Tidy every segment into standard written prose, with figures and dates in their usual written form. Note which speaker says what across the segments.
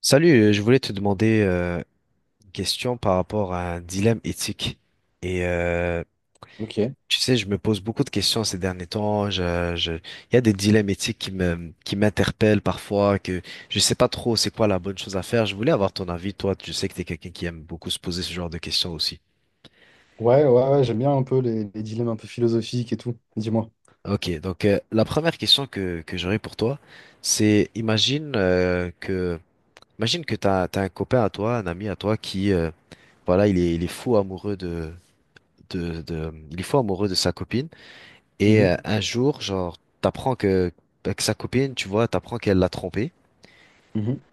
Speaker 1: Salut, je voulais te demander une question par rapport à un dilemme éthique. Et euh,
Speaker 2: Ok.
Speaker 1: tu sais, je me pose beaucoup de questions ces derniers temps. Il y a des dilemmes éthiques qui m'interpellent parfois, que je sais pas trop c'est quoi la bonne chose à faire. Je voulais avoir ton avis. Toi, tu sais que t'es quelqu'un qui aime beaucoup se poser ce genre de questions aussi.
Speaker 2: Ouais, ouais, ouais, j'aime bien un peu les dilemmes un peu philosophiques et tout. Dis-moi.
Speaker 1: Ok, donc la première question que j'aurais pour toi, c'est imagine que imagine que t'as un copain à toi, un ami à toi qui, voilà, il est fou amoureux de il est fou amoureux de sa copine.
Speaker 2: Mhm,
Speaker 1: Un jour, genre, t'apprends que sa copine, tu vois, t'apprends qu'elle l'a trompé,
Speaker 2: mhm,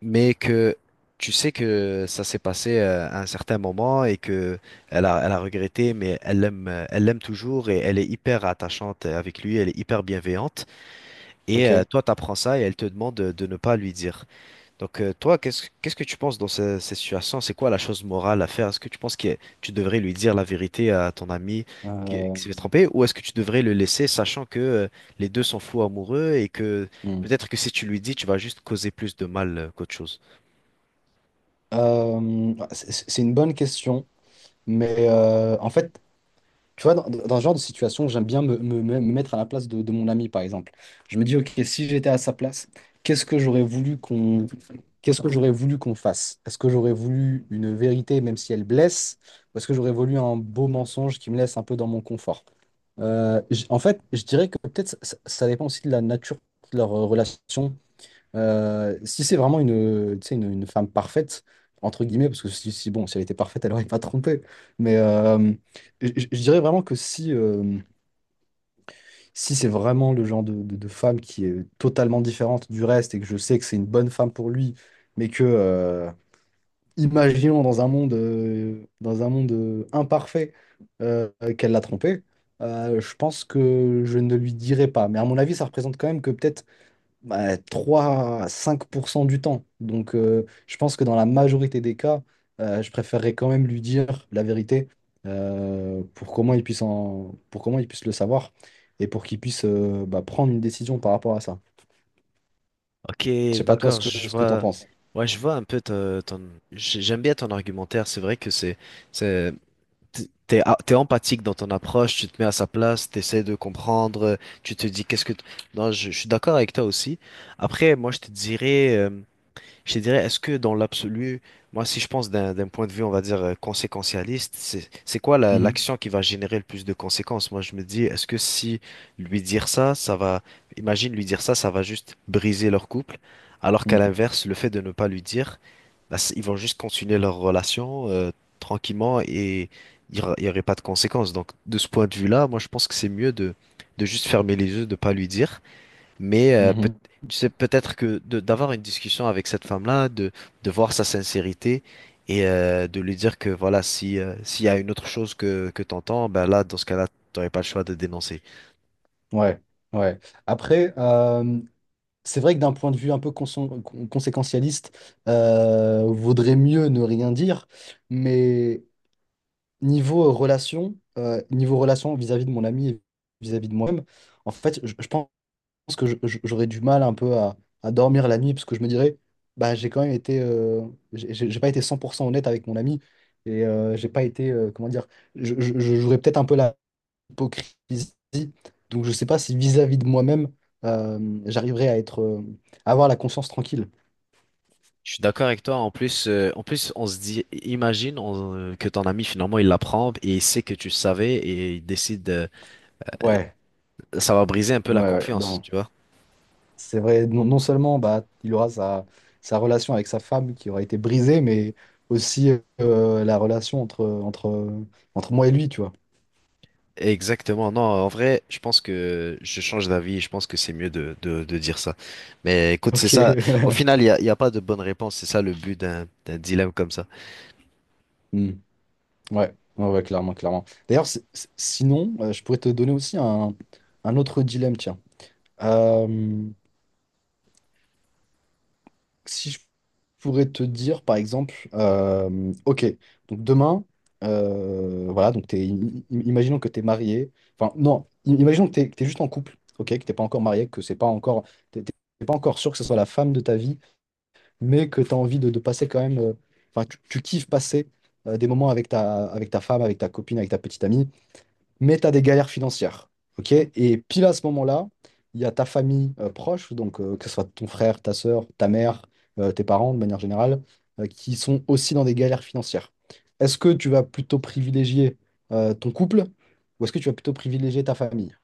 Speaker 1: mais que tu sais que ça s'est passé à un certain moment et que elle a regretté, mais elle l'aime toujours et elle est hyper attachante avec lui, elle est hyper bienveillante.
Speaker 2: Ok.
Speaker 1: Toi, t'apprends ça et elle te demande de ne pas lui dire. Donc toi, qu'est-ce que tu penses dans cette situation? C'est quoi la chose morale à faire? Est-ce que tu penses que tu devrais lui dire la vérité à ton ami
Speaker 2: Euh,
Speaker 1: qui s'est fait tromper, ou est-ce que tu devrais le laisser, sachant que les deux sont fous amoureux et que
Speaker 2: hmm.
Speaker 1: peut-être que si tu lui dis, tu vas juste causer plus de mal qu'autre chose.
Speaker 2: C'est une bonne question, mais en fait, tu vois, dans ce genre de situation, j'aime bien me mettre à la place de, mon ami, par exemple. Je me dis, OK, si j'étais à sa place, qu'est-ce que j'aurais voulu qu'on qu'est-ce que j'aurais voulu qu'on fasse? Est-ce que j'aurais voulu une vérité, même si elle blesse, ou est-ce que j'aurais voulu un beau mensonge qui me laisse un peu dans mon confort? En fait, je dirais que peut-être ça dépend aussi de la nature de leur relation, si c'est vraiment une, tu sais, une femme parfaite, entre guillemets, parce que si, si, bon, si elle était parfaite, elle n'aurait pas trompé. Mais je dirais vraiment que si, si c'est vraiment le genre de, de femme qui est totalement différente du reste et que je sais que c'est une bonne femme pour lui, mais que, imaginons dans un monde imparfait, euh, qu'elle l'a trompé, je pense que je ne lui dirais pas. Mais à mon avis, ça représente quand même que peut-être bah, 3 à 5% du temps. Donc, je pense que dans la majorité des cas, je préférerais quand même lui dire la vérité pour comment il puisse le savoir et pour qu'il puisse bah, prendre une décision par rapport à ça.
Speaker 1: Ok,
Speaker 2: Je sais pas toi ce
Speaker 1: d'accord,
Speaker 2: que,
Speaker 1: je
Speaker 2: t'en
Speaker 1: vois.
Speaker 2: penses.
Speaker 1: Ouais, je vois un peu j'aime bien ton argumentaire. C'est vrai que c'est- T'es, t'es empathique dans ton approche, tu te mets à sa place, t'essaies de comprendre, tu te dis non, je suis d'accord avec toi aussi. Après, moi, je te dirais, est-ce que dans l'absolu, moi, si je pense d'un point de vue, on va dire, conséquentialiste, c'est quoi
Speaker 2: Mhm.
Speaker 1: l'action qui va générer le plus de conséquences? Moi, je me dis, est-ce que si lui dire ça, ça va, imagine lui dire ça, ça va juste briser leur couple, alors qu'à
Speaker 2: Mhm.
Speaker 1: l'inverse, le fait de ne pas lui dire, bah, ils vont juste continuer leur relation tranquillement et il y aurait pas de conséquences. Donc, de ce point de vue-là, moi, je pense que c'est mieux de juste fermer les yeux, de pas lui dire. Mais
Speaker 2: Mhm.
Speaker 1: tu sais, peut-être d'avoir une discussion avec cette femme-là, de voir sa sincérité et de lui dire que voilà, si, s'il y a une autre chose que t'entends, ben là, dans ce cas-là, t'aurais pas le choix de dénoncer.
Speaker 2: Ouais, ouais. Après, c'est vrai que d'un point de vue un peu conséquentialiste, vaudrait mieux ne rien dire, mais niveau relation, niveau relation vis-à-vis de mon ami et vis-à-vis de moi-même, en fait, je pense que j'aurais du mal un peu à dormir la nuit parce que je me dirais, bah, j'ai quand même été, j'ai pas été 100% honnête avec mon ami et j'ai pas été, comment dire, je jouerais peut-être un peu la hypocrisie. Donc, je sais pas si vis-à-vis de moi-même, j'arriverais à être, à avoir la conscience tranquille.
Speaker 1: Je suis d'accord avec toi. En plus, on se dit, imagine que ton ami finalement il l'apprend et il sait que tu savais et il décide.
Speaker 2: Ouais,
Speaker 1: Ça va briser un peu
Speaker 2: ouais,
Speaker 1: la
Speaker 2: ouais,
Speaker 1: confiance,
Speaker 2: non.
Speaker 1: tu vois.
Speaker 2: C'est vrai, non, non seulement bah, il aura sa relation avec sa femme qui aura été brisée, mais aussi la relation entre moi et lui, tu vois.
Speaker 1: Exactement, non, en vrai, je pense que je change d'avis, je pense que c'est mieux de dire ça. Mais écoute, c'est
Speaker 2: Ok.
Speaker 1: ça, au final, il y a pas de bonne réponse, c'est ça le but d'un dilemme comme ça.
Speaker 2: Hmm. Ouais. Ouais, ouais, clairement, clairement. D'ailleurs, sinon, je pourrais te donner aussi un autre dilemme, tiens. Euh, Si je pourrais te dire, par exemple, ok, donc demain, voilà, donc t'es, imaginons que tu es marié, enfin non, imaginons que tu es, juste en couple, ok, que t'es pas encore marié, que c'est pas encore, t'es t'es- t'es pas encore sûr que ce soit la femme de ta vie, mais que tu as envie de, passer quand même, enfin tu kiffes passer des moments avec ta, femme, avec ta copine, avec ta petite amie, mais tu as des galères financières. Ok. Et pile à ce moment-là, il y a ta famille proche, donc que ce soit ton frère, ta sœur, ta mère, tes parents de manière générale, qui sont aussi dans des galères financières. Est-ce que tu vas plutôt privilégier ton couple ou est-ce que tu vas plutôt privilégier ta famille?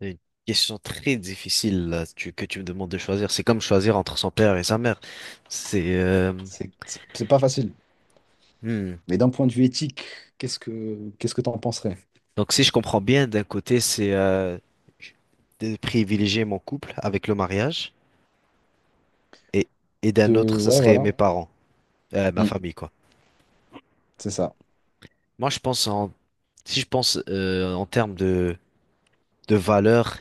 Speaker 1: Une question très difficile là, que tu me demandes de choisir, c'est comme choisir entre son père et sa mère. C'est... euh,
Speaker 2: C'est pas facile.
Speaker 1: hmm.
Speaker 2: Mais d'un point de vue éthique, qu'est-ce que t'en penserais?
Speaker 1: Donc si je comprends bien, d'un côté, c'est de privilégier mon couple avec le mariage, et, et d'un autre, ça
Speaker 2: Ouais,
Speaker 1: serait
Speaker 2: voilà.
Speaker 1: mes parents, ma
Speaker 2: Mm,
Speaker 1: famille, quoi.
Speaker 2: c'est ça.
Speaker 1: Moi, je pense en... Si je pense en termes de de valeurs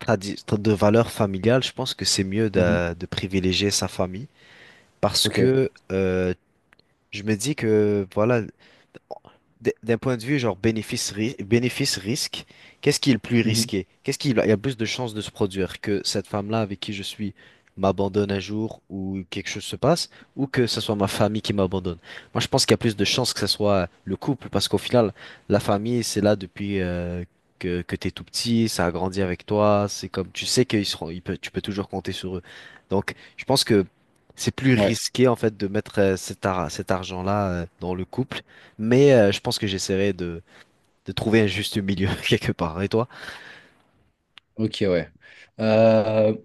Speaker 1: de valeurs familiales, je pense que c'est mieux
Speaker 2: Mhm.
Speaker 1: de privilégier sa famille parce
Speaker 2: Ok.
Speaker 1: que je me dis que, voilà, d'un point de vue genre bénéfice-risque, qu'est-ce qui est le plus
Speaker 2: Mhm.
Speaker 1: risqué? Qu'est-ce qui il y a plus de chances de se produire? Que cette femme-là avec qui je suis m'abandonne un jour ou quelque chose se passe, ou que ce soit ma famille qui m'abandonne. Moi, je pense qu'il y a plus de chances que ce soit le couple, parce qu'au final, la famille, c'est là depuis euh, que t'es tout petit, ça a grandi avec toi, c'est comme, tu sais qu'ils seront, tu peux toujours compter sur eux. Donc, je pense que c'est plus
Speaker 2: Ouais.
Speaker 1: risqué en fait de mettre euh, cet argent-là dans le couple, mais je pense que j'essaierai de trouver un juste milieu quelque part. Et toi?
Speaker 2: Ok, ouais. Euh,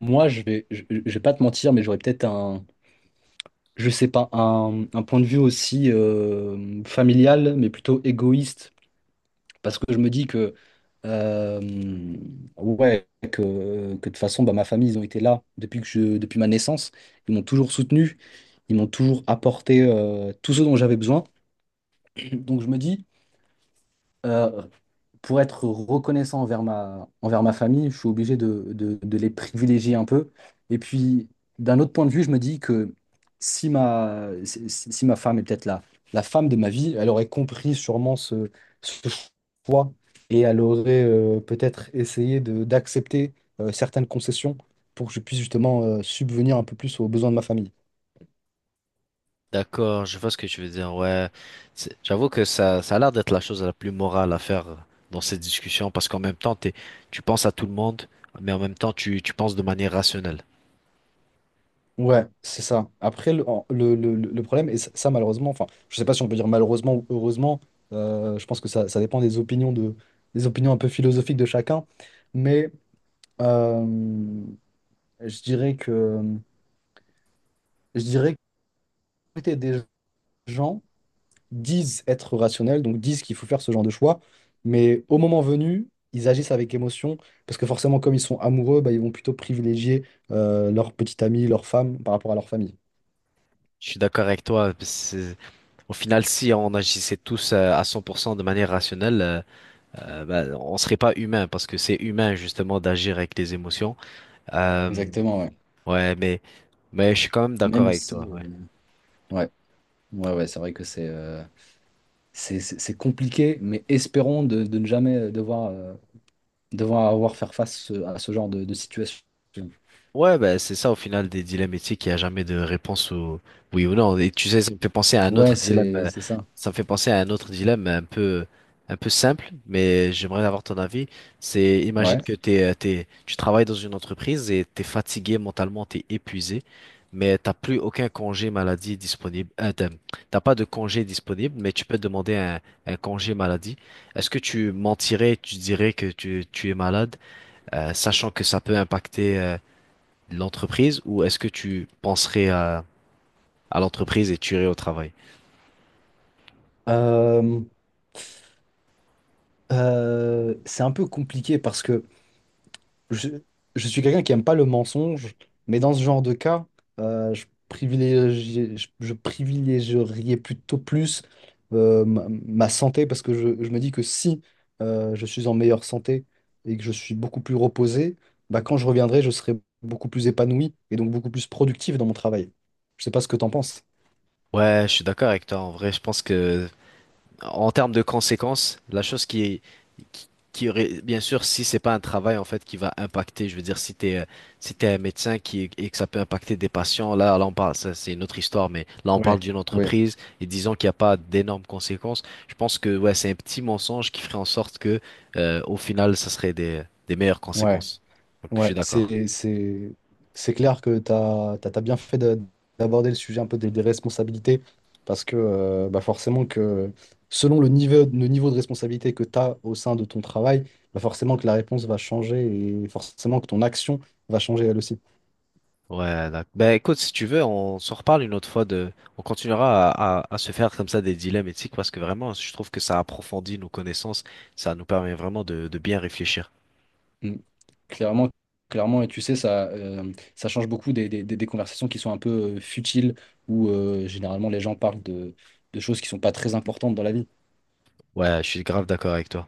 Speaker 2: moi, je vais pas te mentir, mais j'aurais peut-être un, je sais pas, un point de vue aussi familial, mais plutôt égoïste, parce que je me dis que, euh, ouais, que de toute façon, bah, ma famille, ils ont été là depuis ma naissance. Ils m'ont toujours soutenu, ils m'ont toujours apporté tout ce dont j'avais besoin. Donc je me dis, euh, pour être reconnaissant envers ma famille, je suis obligé de, les privilégier un peu. Et puis, d'un autre point de vue, je me dis que si ma femme est peut-être la, femme de ma vie, elle aurait compris sûrement ce, ce choix et elle aurait peut-être essayé d'accepter certaines concessions pour que je puisse justement subvenir un peu plus aux besoins de ma famille.
Speaker 1: D'accord, je vois ce que tu veux dire. Ouais, c'est- j'avoue que ça a l'air d'être la chose la plus morale à faire dans cette discussion parce qu'en même temps, t'es, tu penses à tout le monde, mais en même temps, tu penses de manière rationnelle.
Speaker 2: Ouais, c'est ça. Après, le, en- le, le problème, et ça, malheureusement, enfin, je sais pas si on peut dire malheureusement ou heureusement, je pense que ça dépend des opinions de, des opinions un peu philosophiques de chacun, mais euh, je dirais que, je dirais que la majorité des gens disent être rationnels, donc disent qu'il faut faire ce genre de choix, mais au moment venu, ils agissent avec émotion, parce que forcément, comme ils sont amoureux, bah, ils vont plutôt privilégier leur petite amie, leur femme par rapport à leur famille.
Speaker 1: Je suis d'accord avec toi. Au final, si on agissait tous à 100% de manière rationnelle, bah, on serait pas humain parce que c'est humain justement d'agir avec les émotions. Euh,
Speaker 2: Exactement, ouais.
Speaker 1: ouais, mais je suis quand même d'accord
Speaker 2: Même
Speaker 1: avec
Speaker 2: si,
Speaker 1: toi. Ouais.
Speaker 2: euh, ouais. Ouais, ouais, c'est vrai que c'est c'est compliqué, mais espérons de, ne jamais devoir avoir faire face à ce genre de, situation.
Speaker 1: Ouais, bah, c'est ça au final des dilemmes éthiques, il n'y a jamais de réponse au oui ou non. Et tu sais, ça me fait penser à un
Speaker 2: Ouais,
Speaker 1: autre dilemme,
Speaker 2: c'est
Speaker 1: euh,
Speaker 2: ça.
Speaker 1: ça me fait penser à un autre dilemme un peu simple, mais j'aimerais avoir ton avis. C'est, imagine
Speaker 2: Ouais.
Speaker 1: que t'es, tu travailles dans une entreprise et t'es fatigué mentalement, t'es épuisé, mais t'as plus aucun congé maladie disponible. T'as pas de congé disponible, mais tu peux demander un congé maladie. Est-ce que tu mentirais, tu dirais que tu es malade, sachant que ça peut impacter l'entreprise ou est-ce que tu penserais à l'entreprise et tu irais au travail?
Speaker 2: Euh, c'est un peu compliqué parce que je, je suis quelqu'un qui aime pas le mensonge, mais dans ce genre de cas, je privilégierais plutôt plus ma, santé parce que je me dis que si je suis en meilleure santé et que je suis beaucoup plus reposé, bah, quand je reviendrai, je serai beaucoup plus épanoui et donc beaucoup plus productif dans mon travail. Je sais pas ce que tu en penses.
Speaker 1: Ouais, je suis d'accord avec toi. En vrai, je pense que en termes de conséquences, la chose qui, qui aurait bien sûr si c'est pas un travail en fait qui va impacter, je veux dire si t'es si t'es un médecin qui et que ça peut impacter des patients, là on parle ça c'est une autre histoire, mais là on parle
Speaker 2: Ouais,
Speaker 1: d'une
Speaker 2: ouais,
Speaker 1: entreprise et disons qu'il n'y a pas d'énormes conséquences. Je pense que ouais c'est un petit mensonge qui ferait en sorte que au final ça serait des meilleures
Speaker 2: ouais.
Speaker 1: conséquences. Donc je
Speaker 2: Ouais,
Speaker 1: suis d'accord.
Speaker 2: c'est clair que tu as, bien fait d'aborder le sujet un peu des, responsabilités, parce que bah forcément que selon le niveau de responsabilité que tu as au sein de ton travail, bah forcément que la réponse va changer et forcément que ton action va changer elle aussi.
Speaker 1: Ouais, d'accord. Ben écoute, si tu veux, on s'en reparle une autre fois de, on continuera à se faire comme ça des dilemmes éthiques parce que vraiment, je trouve que ça approfondit nos connaissances, ça nous permet vraiment de bien réfléchir.
Speaker 2: Mm. Clairement, clairement, et tu sais, ça change beaucoup des conversations qui sont un peu futiles, où généralement les gens parlent de, choses qui sont pas très importantes dans la vie.
Speaker 1: Ouais, je suis grave d'accord avec toi.